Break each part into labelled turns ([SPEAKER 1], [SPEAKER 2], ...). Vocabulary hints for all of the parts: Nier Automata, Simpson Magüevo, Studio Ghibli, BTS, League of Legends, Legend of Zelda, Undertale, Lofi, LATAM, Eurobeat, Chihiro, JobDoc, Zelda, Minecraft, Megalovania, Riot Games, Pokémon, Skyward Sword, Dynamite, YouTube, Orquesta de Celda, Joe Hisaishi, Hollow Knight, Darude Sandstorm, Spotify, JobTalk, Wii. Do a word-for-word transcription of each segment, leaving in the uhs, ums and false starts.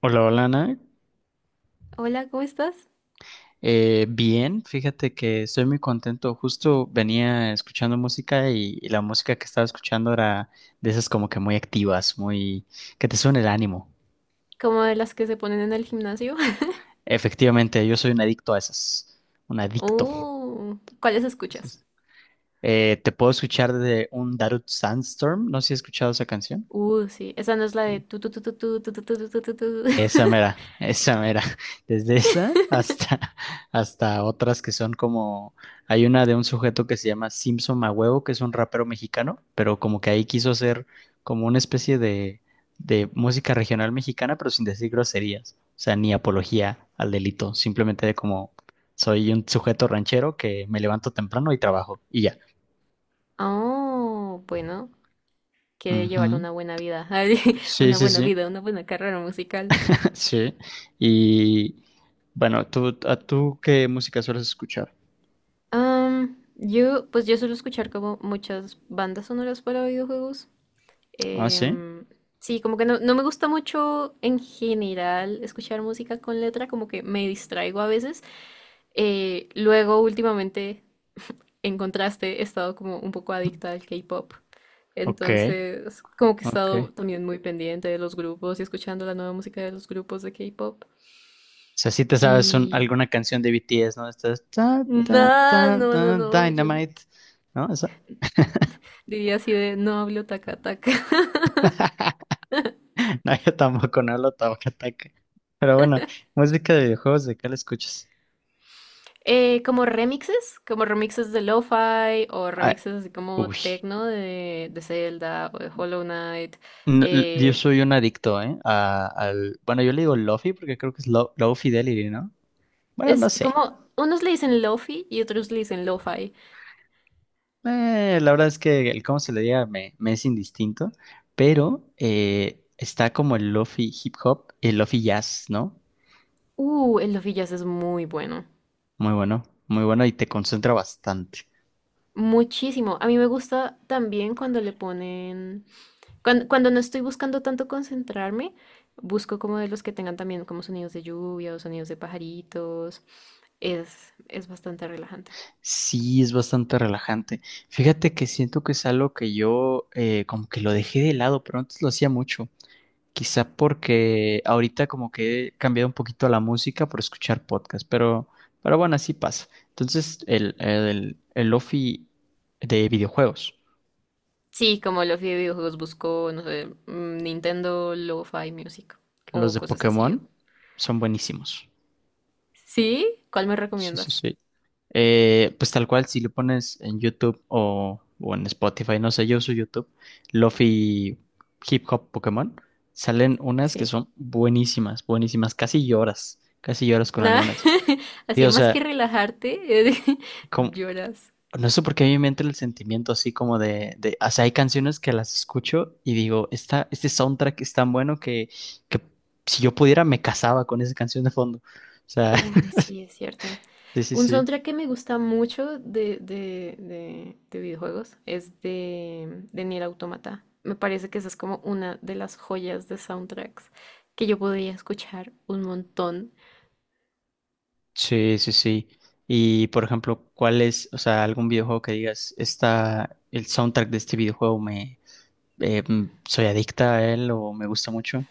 [SPEAKER 1] Hola, hola, Nat.
[SPEAKER 2] Hola, ¿cómo estás?
[SPEAKER 1] Eh, bien, fíjate que estoy muy contento. Justo venía escuchando música y, y la música que estaba escuchando era de esas como que muy activas, muy que te suena el ánimo.
[SPEAKER 2] Como de las que se ponen en el gimnasio.
[SPEAKER 1] Efectivamente, yo soy un adicto a esas, un adicto.
[SPEAKER 2] Uh, ¿cuáles escuchas?
[SPEAKER 1] Entonces, eh, te puedo escuchar de un Darude Sandstorm. No sé si has escuchado esa canción.
[SPEAKER 2] Uh, sí, esa no es la de tu tu tu tu tu tu tu tu tu tu tu, tu.
[SPEAKER 1] Esa mera, esa mera. Desde esa hasta, hasta otras que son como. Hay una de un sujeto que se llama Simpson Magüevo, que es un rapero mexicano, pero como que ahí quiso hacer como una especie de, de música regional mexicana, pero sin decir groserías. O sea, ni apología al delito. Simplemente de como soy un sujeto ranchero que me levanto temprano y trabajo. Y ya.
[SPEAKER 2] Oh, bueno, quiere llevar
[SPEAKER 1] Ujú.
[SPEAKER 2] una buena vida,
[SPEAKER 1] Sí,
[SPEAKER 2] una
[SPEAKER 1] sí,
[SPEAKER 2] buena
[SPEAKER 1] sí.
[SPEAKER 2] vida, una buena carrera musical.
[SPEAKER 1] Sí. Y bueno, ¿tú, a tú qué música sueles escuchar?
[SPEAKER 2] Am, yo, pues yo suelo escuchar como muchas bandas sonoras para videojuegos.
[SPEAKER 1] Ah, sí.
[SPEAKER 2] Em, sí, como que no, no me gusta mucho en general escuchar música con letra, como que me distraigo a veces. Eh, luego, últimamente, en contraste, he estado como un poco adicta al K-pop.
[SPEAKER 1] Ok,
[SPEAKER 2] Entonces, como que he
[SPEAKER 1] ok.
[SPEAKER 2] estado
[SPEAKER 1] O
[SPEAKER 2] también muy pendiente de los grupos y escuchando la nueva música de los grupos de K-pop.
[SPEAKER 1] sea, sí te sabes un-
[SPEAKER 2] Y
[SPEAKER 1] alguna canción de B T S, ¿no? Estás ta, ta,
[SPEAKER 2] nada,
[SPEAKER 1] ta,
[SPEAKER 2] no, no,
[SPEAKER 1] ta,
[SPEAKER 2] no, yo no-
[SPEAKER 1] Dynamite, ¿no? Esa.
[SPEAKER 2] diría así de no hablo taca taca.
[SPEAKER 1] No, yo tampoco, no lo tomo ataque. Pero bueno, música de videojuegos, ¿de qué la escuchas?
[SPEAKER 2] Eh, como remixes, como remixes de lo-fi o
[SPEAKER 1] Ay,
[SPEAKER 2] remixes así como
[SPEAKER 1] uy.
[SPEAKER 2] techno de, de Zelda o de Hollow Knight.
[SPEAKER 1] No, l- yo
[SPEAKER 2] eh,
[SPEAKER 1] soy un adicto, ¿eh? A- al, bueno, yo le digo Lofi porque creo que es Low, Low Fidelity, ¿no? Bueno, no
[SPEAKER 2] es
[SPEAKER 1] sé.
[SPEAKER 2] como, unos le dicen lo-fi y otros le dicen lo-fi.
[SPEAKER 1] Eh, la verdad es que el cómo se le diga me, me es indistinto, pero eh, está como el lofi hip hop, el lofi jazz, ¿no?
[SPEAKER 2] Uh, el Love y Jazz es muy bueno.
[SPEAKER 1] Muy bueno, muy bueno y te concentra bastante.
[SPEAKER 2] Muchísimo. A mí me gusta también cuando le ponen. Cuando, cuando no estoy buscando tanto concentrarme, busco como de los que tengan también como sonidos de lluvia o sonidos de pajaritos. Es, es bastante relajante.
[SPEAKER 1] Sí, es bastante relajante. Fíjate que siento que es algo que yo eh, como que lo dejé de lado, pero antes lo hacía mucho. Quizá porque ahorita como que he cambiado un poquito la música por escuchar podcast, pero, pero bueno, así pasa. Entonces, el, el, el lofi de videojuegos.
[SPEAKER 2] Sí, como Lofi de videojuegos busco, no sé, mm, Nintendo Lo-Fi Music
[SPEAKER 1] Los
[SPEAKER 2] o
[SPEAKER 1] de
[SPEAKER 2] cosas así.
[SPEAKER 1] Pokémon son buenísimos.
[SPEAKER 2] ¿Sí? ¿Cuál me
[SPEAKER 1] Sí, sí,
[SPEAKER 2] recomiendas?
[SPEAKER 1] sí. Eh, pues tal cual, si lo pones en YouTube o, o en Spotify, no sé, yo uso YouTube, Lofi Hip Hop Pokémon, salen unas que
[SPEAKER 2] Sí.
[SPEAKER 1] son buenísimas, buenísimas, casi lloras, casi lloras con
[SPEAKER 2] Nada.
[SPEAKER 1] algunas. Sí,
[SPEAKER 2] Así,
[SPEAKER 1] o
[SPEAKER 2] más que
[SPEAKER 1] sea,
[SPEAKER 2] relajarte,
[SPEAKER 1] como-
[SPEAKER 2] lloras.
[SPEAKER 1] no sé por qué a mí me entra el sentimiento así como de, de, o sea, hay canciones que las escucho y digo, esta, este soundtrack es tan bueno que, que si yo pudiera me casaba con esa canción de fondo. O sea,
[SPEAKER 2] Uy, sí, es cierto.
[SPEAKER 1] sí, sí,
[SPEAKER 2] Un
[SPEAKER 1] sí.
[SPEAKER 2] soundtrack que me gusta mucho de, de, de- de videojuegos es de, de Nier Automata. Me parece que esa es como una de las joyas de soundtracks que yo podría escuchar un montón.
[SPEAKER 1] Sí, sí, sí. Y por ejemplo, ¿cuál es, o sea, algún videojuego que digas, está el soundtrack de este videojuego me, eh, mm, soy adicta a él o me gusta mucho?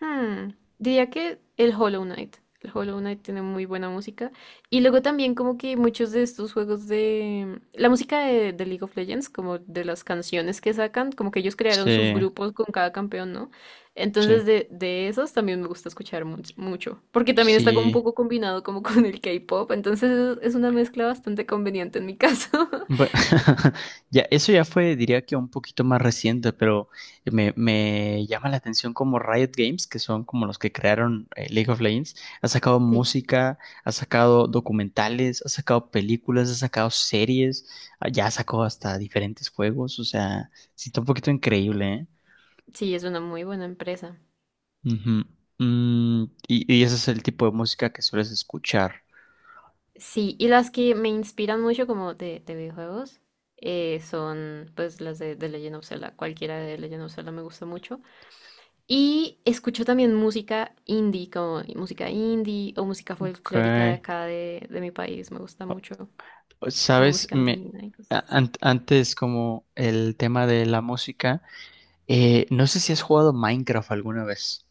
[SPEAKER 2] Hmm, Diría que el Hollow Knight. El Hollow Knight tiene muy buena música. Y luego también como que muchos de estos juegos de… La música de, de League of Legends, como de las canciones que sacan, como que ellos crearon sus
[SPEAKER 1] Sí,
[SPEAKER 2] grupos con cada campeón, ¿no?
[SPEAKER 1] sí,
[SPEAKER 2] Entonces de, de esos también me gusta escuchar mu- mucho. Porque también está como un
[SPEAKER 1] sí.
[SPEAKER 2] poco combinado como con el K-pop. Entonces es es una mezcla bastante conveniente en mi caso.
[SPEAKER 1] Bueno, ya, eso ya fue, diría que un poquito más reciente, pero me, me llama la atención como Riot Games, que son como los que crearon eh, League of Legends, ha sacado
[SPEAKER 2] Sí,
[SPEAKER 1] música, ha sacado documentales, ha sacado películas, ha sacado series, ah, ya ha sacado hasta diferentes juegos, o sea, sí está un poquito increíble, ¿eh?
[SPEAKER 2] sí, es una muy buena empresa.
[SPEAKER 1] Ujú. Mm, y, y ese es el tipo de música que sueles escuchar.
[SPEAKER 2] Sí, y las que me inspiran mucho como de, de videojuegos eh, son pues las de, de Legend of Zelda. Cualquiera de Legend of Zelda me gusta mucho. Y escucho también música indie, como música indie o música
[SPEAKER 1] Ok.
[SPEAKER 2] folclórica de acá de, de mi país. Me gusta mucho como
[SPEAKER 1] Sabes,
[SPEAKER 2] música
[SPEAKER 1] me,
[SPEAKER 2] andina y cosas
[SPEAKER 1] a-
[SPEAKER 2] así.
[SPEAKER 1] an- antes como el tema de la música, eh, no sé si has jugado Minecraft alguna vez.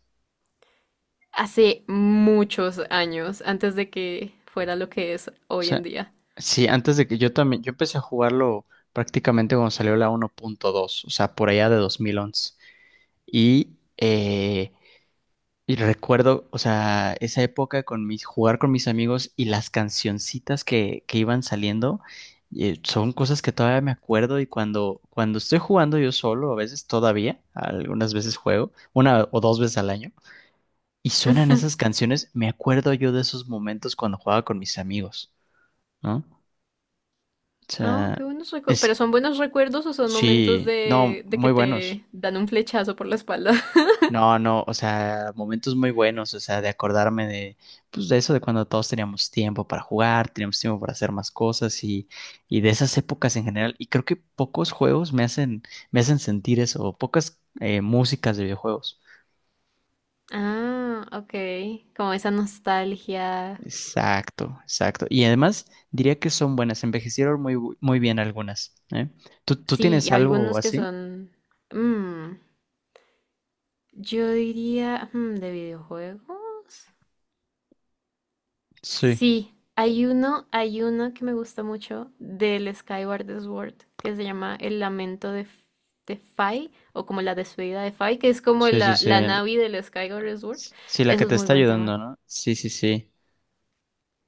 [SPEAKER 2] Hace muchos años, antes de que fuera lo que es
[SPEAKER 1] O
[SPEAKER 2] hoy en
[SPEAKER 1] sea,
[SPEAKER 2] día.
[SPEAKER 1] sí, antes de que yo también, yo empecé a jugarlo prácticamente cuando salió la uno punto dos, o sea, por allá de dos mil once. Y eh, Y recuerdo, o sea, esa época con mis, jugar con mis amigos y las cancioncitas que, que iban saliendo, eh, son cosas que todavía me acuerdo y cuando, cuando estoy jugando yo solo, a veces todavía, algunas veces juego, una o dos veces al año, y suenan esas canciones, me acuerdo yo de esos momentos cuando jugaba con mis amigos, ¿no? O
[SPEAKER 2] Ah,
[SPEAKER 1] sea,
[SPEAKER 2] qué buenos recuerdos. ¿Pero
[SPEAKER 1] es,
[SPEAKER 2] son buenos recuerdos o son momentos
[SPEAKER 1] sí, no,
[SPEAKER 2] de, de que
[SPEAKER 1] muy buenos.
[SPEAKER 2] te dan un flechazo por la espalda?
[SPEAKER 1] No, no, o sea, momentos muy buenos, o sea, de acordarme de, pues de eso de cuando todos teníamos tiempo para jugar, teníamos tiempo para hacer más cosas y, y de esas épocas en general. Y creo que pocos juegos me hacen, me hacen sentir eso, o pocas eh, músicas de videojuegos.
[SPEAKER 2] Ah, ok. Como esa nostalgia.
[SPEAKER 1] Exacto, exacto. Y además diría que son buenas, envejecieron muy, bu- muy bien algunas, ¿eh? ¿Tú, tú
[SPEAKER 2] Sí, y
[SPEAKER 1] tienes algo
[SPEAKER 2] algunos que
[SPEAKER 1] así?
[SPEAKER 2] son. mm, yo diría. mm, ¿de videojuegos?
[SPEAKER 1] Sí,
[SPEAKER 2] Sí, hay uno, hay uno que me gusta mucho del Skyward Sword que se llama El Lamento de, F- de Fai, o como la despedida de Fai, que es como
[SPEAKER 1] sí, sí,
[SPEAKER 2] la,
[SPEAKER 1] sí.
[SPEAKER 2] la
[SPEAKER 1] el-
[SPEAKER 2] Navi del Skyward Sword.
[SPEAKER 1] Sí, la
[SPEAKER 2] Eso
[SPEAKER 1] que
[SPEAKER 2] es
[SPEAKER 1] te
[SPEAKER 2] muy
[SPEAKER 1] está
[SPEAKER 2] buen tema.
[SPEAKER 1] ayudando, ¿no? Sí, sí, sí.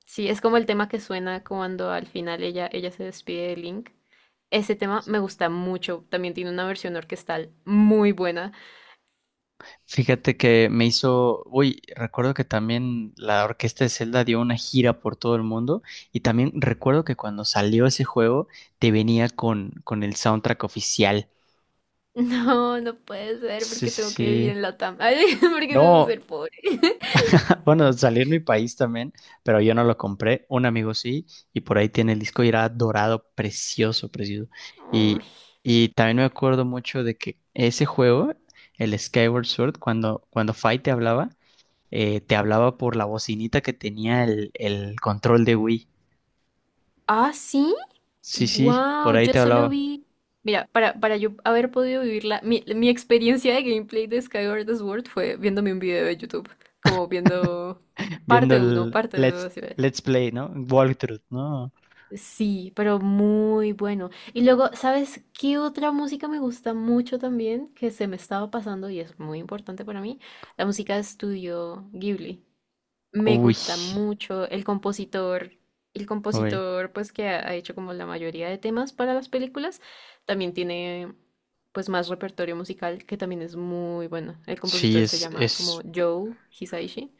[SPEAKER 2] Sí, es como el tema que suena cuando al final ella, ella se despide de Link. Ese tema me gusta mucho. También tiene una versión orquestal muy buena.
[SPEAKER 1] Fíjate que me hizo, uy, recuerdo que también la Orquesta de Celda dio una gira por todo el mundo y también recuerdo que cuando salió ese juego te venía con, con el soundtrack oficial.
[SPEAKER 2] No, no puede ser
[SPEAKER 1] Sí, sí,
[SPEAKER 2] porque tengo que vivir
[SPEAKER 1] sí.
[SPEAKER 2] en Latam. Ay, porque tengo que
[SPEAKER 1] No,
[SPEAKER 2] ser pobre.
[SPEAKER 1] bueno, salió en mi país también, pero yo no lo compré, un amigo sí, y por ahí tiene el disco y era dorado, precioso, precioso.
[SPEAKER 2] Ay.
[SPEAKER 1] Y, y también me acuerdo mucho de que ese juego, el Skyward Sword, cuando, cuando Fight te hablaba, eh, te hablaba por la bocinita que tenía el, el control de Wii.
[SPEAKER 2] Ah, sí.
[SPEAKER 1] Sí, sí,
[SPEAKER 2] Wow,
[SPEAKER 1] por ahí
[SPEAKER 2] yo
[SPEAKER 1] te
[SPEAKER 2] solo
[SPEAKER 1] hablaba.
[SPEAKER 2] vi. Mira, para, para yo haber podido vivirla, mi, mi experiencia de gameplay de Skyward Sword fue viéndome un video de YouTube, como viendo
[SPEAKER 1] Viendo
[SPEAKER 2] parte uno,
[SPEAKER 1] el
[SPEAKER 2] parte
[SPEAKER 1] Let's,
[SPEAKER 2] dos.
[SPEAKER 1] Let's Play, ¿no? Walkthrough, ¿no?
[SPEAKER 2] Sí, pero muy bueno. Y luego, ¿sabes qué otra música me gusta mucho también? Que se me estaba pasando y es muy importante para mí. La música de estudio Ghibli. Me
[SPEAKER 1] Uy,
[SPEAKER 2] gusta mucho el compositor. El
[SPEAKER 1] uy.
[SPEAKER 2] compositor, pues, que ha ha hecho como la mayoría de temas para las películas, también tiene, pues, más repertorio musical que también es muy bueno. El
[SPEAKER 1] Sí,
[SPEAKER 2] compositor se
[SPEAKER 1] es,
[SPEAKER 2] llama como
[SPEAKER 1] es,
[SPEAKER 2] Joe Hisaishi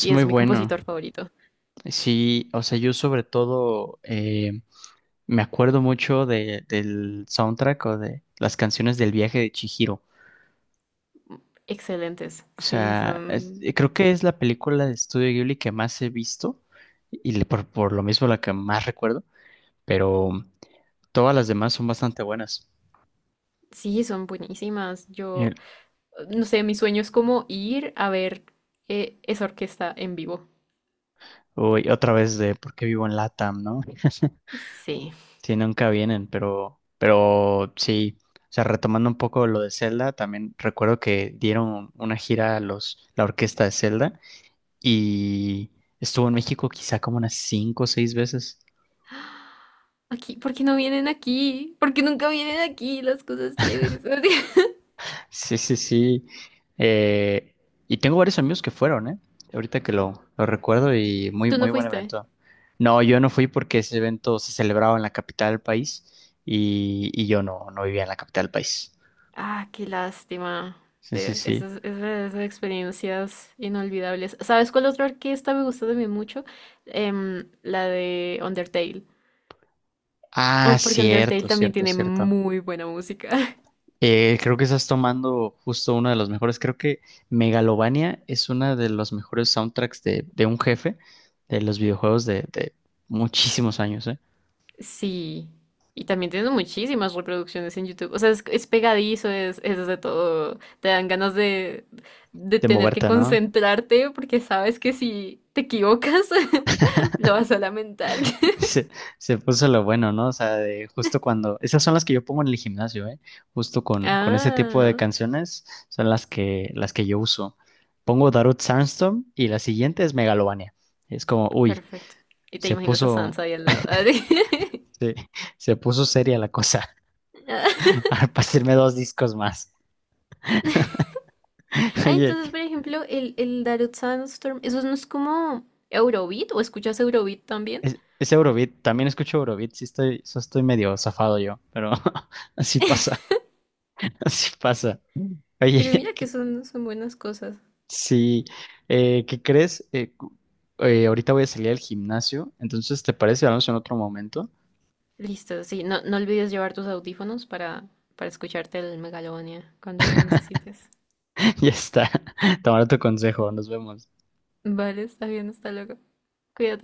[SPEAKER 2] y
[SPEAKER 1] muy
[SPEAKER 2] es mi
[SPEAKER 1] bueno.
[SPEAKER 2] compositor favorito.
[SPEAKER 1] Sí, o sea, yo sobre todo eh, me acuerdo mucho de, del soundtrack o de las canciones del viaje de Chihiro.
[SPEAKER 2] Excelentes,
[SPEAKER 1] O
[SPEAKER 2] sí,
[SPEAKER 1] sea, es- eh,
[SPEAKER 2] son
[SPEAKER 1] creo que es la película de Studio Ghibli que más he visto y le- por, por lo mismo la que más recuerdo. Pero todas las demás son bastante buenas.
[SPEAKER 2] sí, son buenísimas. Yo,
[SPEAKER 1] El-
[SPEAKER 2] no sé, mi sueño es como ir a ver eh, esa orquesta en vivo.
[SPEAKER 1] Uy, otra vez de por qué vivo en LATAM, ¿no?
[SPEAKER 2] Sí.
[SPEAKER 1] Sí, nunca vienen, pero, pero sí. O sea, retomando un poco lo de Zelda, también recuerdo que dieron una gira a los, la orquesta de Zelda y estuvo en México quizá como unas cinco o seis veces.
[SPEAKER 2] Aquí, ¿por qué no vienen aquí? ¿Por qué nunca vienen aquí las cosas chéveres?
[SPEAKER 1] Sí, sí, sí. Eh, y tengo varios amigos que fueron, ¿eh? Ahorita que lo, lo recuerdo y muy,
[SPEAKER 2] ¿Tú no
[SPEAKER 1] muy buen
[SPEAKER 2] fuiste?
[SPEAKER 1] evento. No, yo no fui porque ese evento se celebraba en la capital del país y, y yo no, no vivía en la capital del país.
[SPEAKER 2] Ah, qué lástima.
[SPEAKER 1] Sí, sí,
[SPEAKER 2] De
[SPEAKER 1] sí.
[SPEAKER 2] esas, esas- esas experiencias inolvidables. ¿Sabes cuál otra orquesta me gusta también mucho? Em, la de Undertale.
[SPEAKER 1] Ah,
[SPEAKER 2] Un- Porque Undertale
[SPEAKER 1] cierto,
[SPEAKER 2] también
[SPEAKER 1] cierto,
[SPEAKER 2] tiene
[SPEAKER 1] cierto.
[SPEAKER 2] muy buena música.
[SPEAKER 1] Eh, creo que estás tomando justo uno de los mejores. Creo que Megalovania es uno de los mejores soundtracks de, de un jefe de los videojuegos de, de muchísimos años, ¿eh?
[SPEAKER 2] Sí, y también tiene muchísimas reproducciones en YouTube. O sea, es, es pegadizo, es, es de todo. Te dan ganas de, de
[SPEAKER 1] De
[SPEAKER 2] tener que
[SPEAKER 1] moverte, no.
[SPEAKER 2] concentrarte porque sabes que si te equivocas, lo vas a lamentar.
[SPEAKER 1] Se, se puso lo bueno, ¿no? O sea, de justo cuando, esas son las que yo pongo en el gimnasio, ¿eh? Justo con, con ese tipo de
[SPEAKER 2] Ah,
[SPEAKER 1] canciones son las que, las que yo uso. Pongo Darude Sandstorm y la siguiente es Megalovania. Es como, uy,
[SPEAKER 2] perfecto. Y te
[SPEAKER 1] se
[SPEAKER 2] imaginas a
[SPEAKER 1] puso,
[SPEAKER 2] Sansa ahí al lado.
[SPEAKER 1] se, se puso seria la cosa. A pasarme dos discos más.
[SPEAKER 2] Ah,
[SPEAKER 1] Oye,
[SPEAKER 2] entonces, por ejemplo, el, el Darude Sandstorm, ¿eso no es como Eurobeat? ¿O escuchas Eurobeat también?
[SPEAKER 1] es, es Eurobeat, también escucho Eurobeat, sí estoy, sí estoy medio zafado yo, pero así pasa, así pasa. Oye,
[SPEAKER 2] Pero mira que son, son buenas cosas.
[SPEAKER 1] Sí, eh, ¿qué crees? Eh, cu- eh, ahorita voy a salir al gimnasio, entonces, ¿te parece? Hablamos en otro momento.
[SPEAKER 2] Listo, sí, no, no olvides llevar tus audífonos para, para escucharte el Megalovania cuando lo necesites.
[SPEAKER 1] Ya está. Tomaré tu consejo, nos vemos.
[SPEAKER 2] Vale, está bien, hasta luego. Cuídate.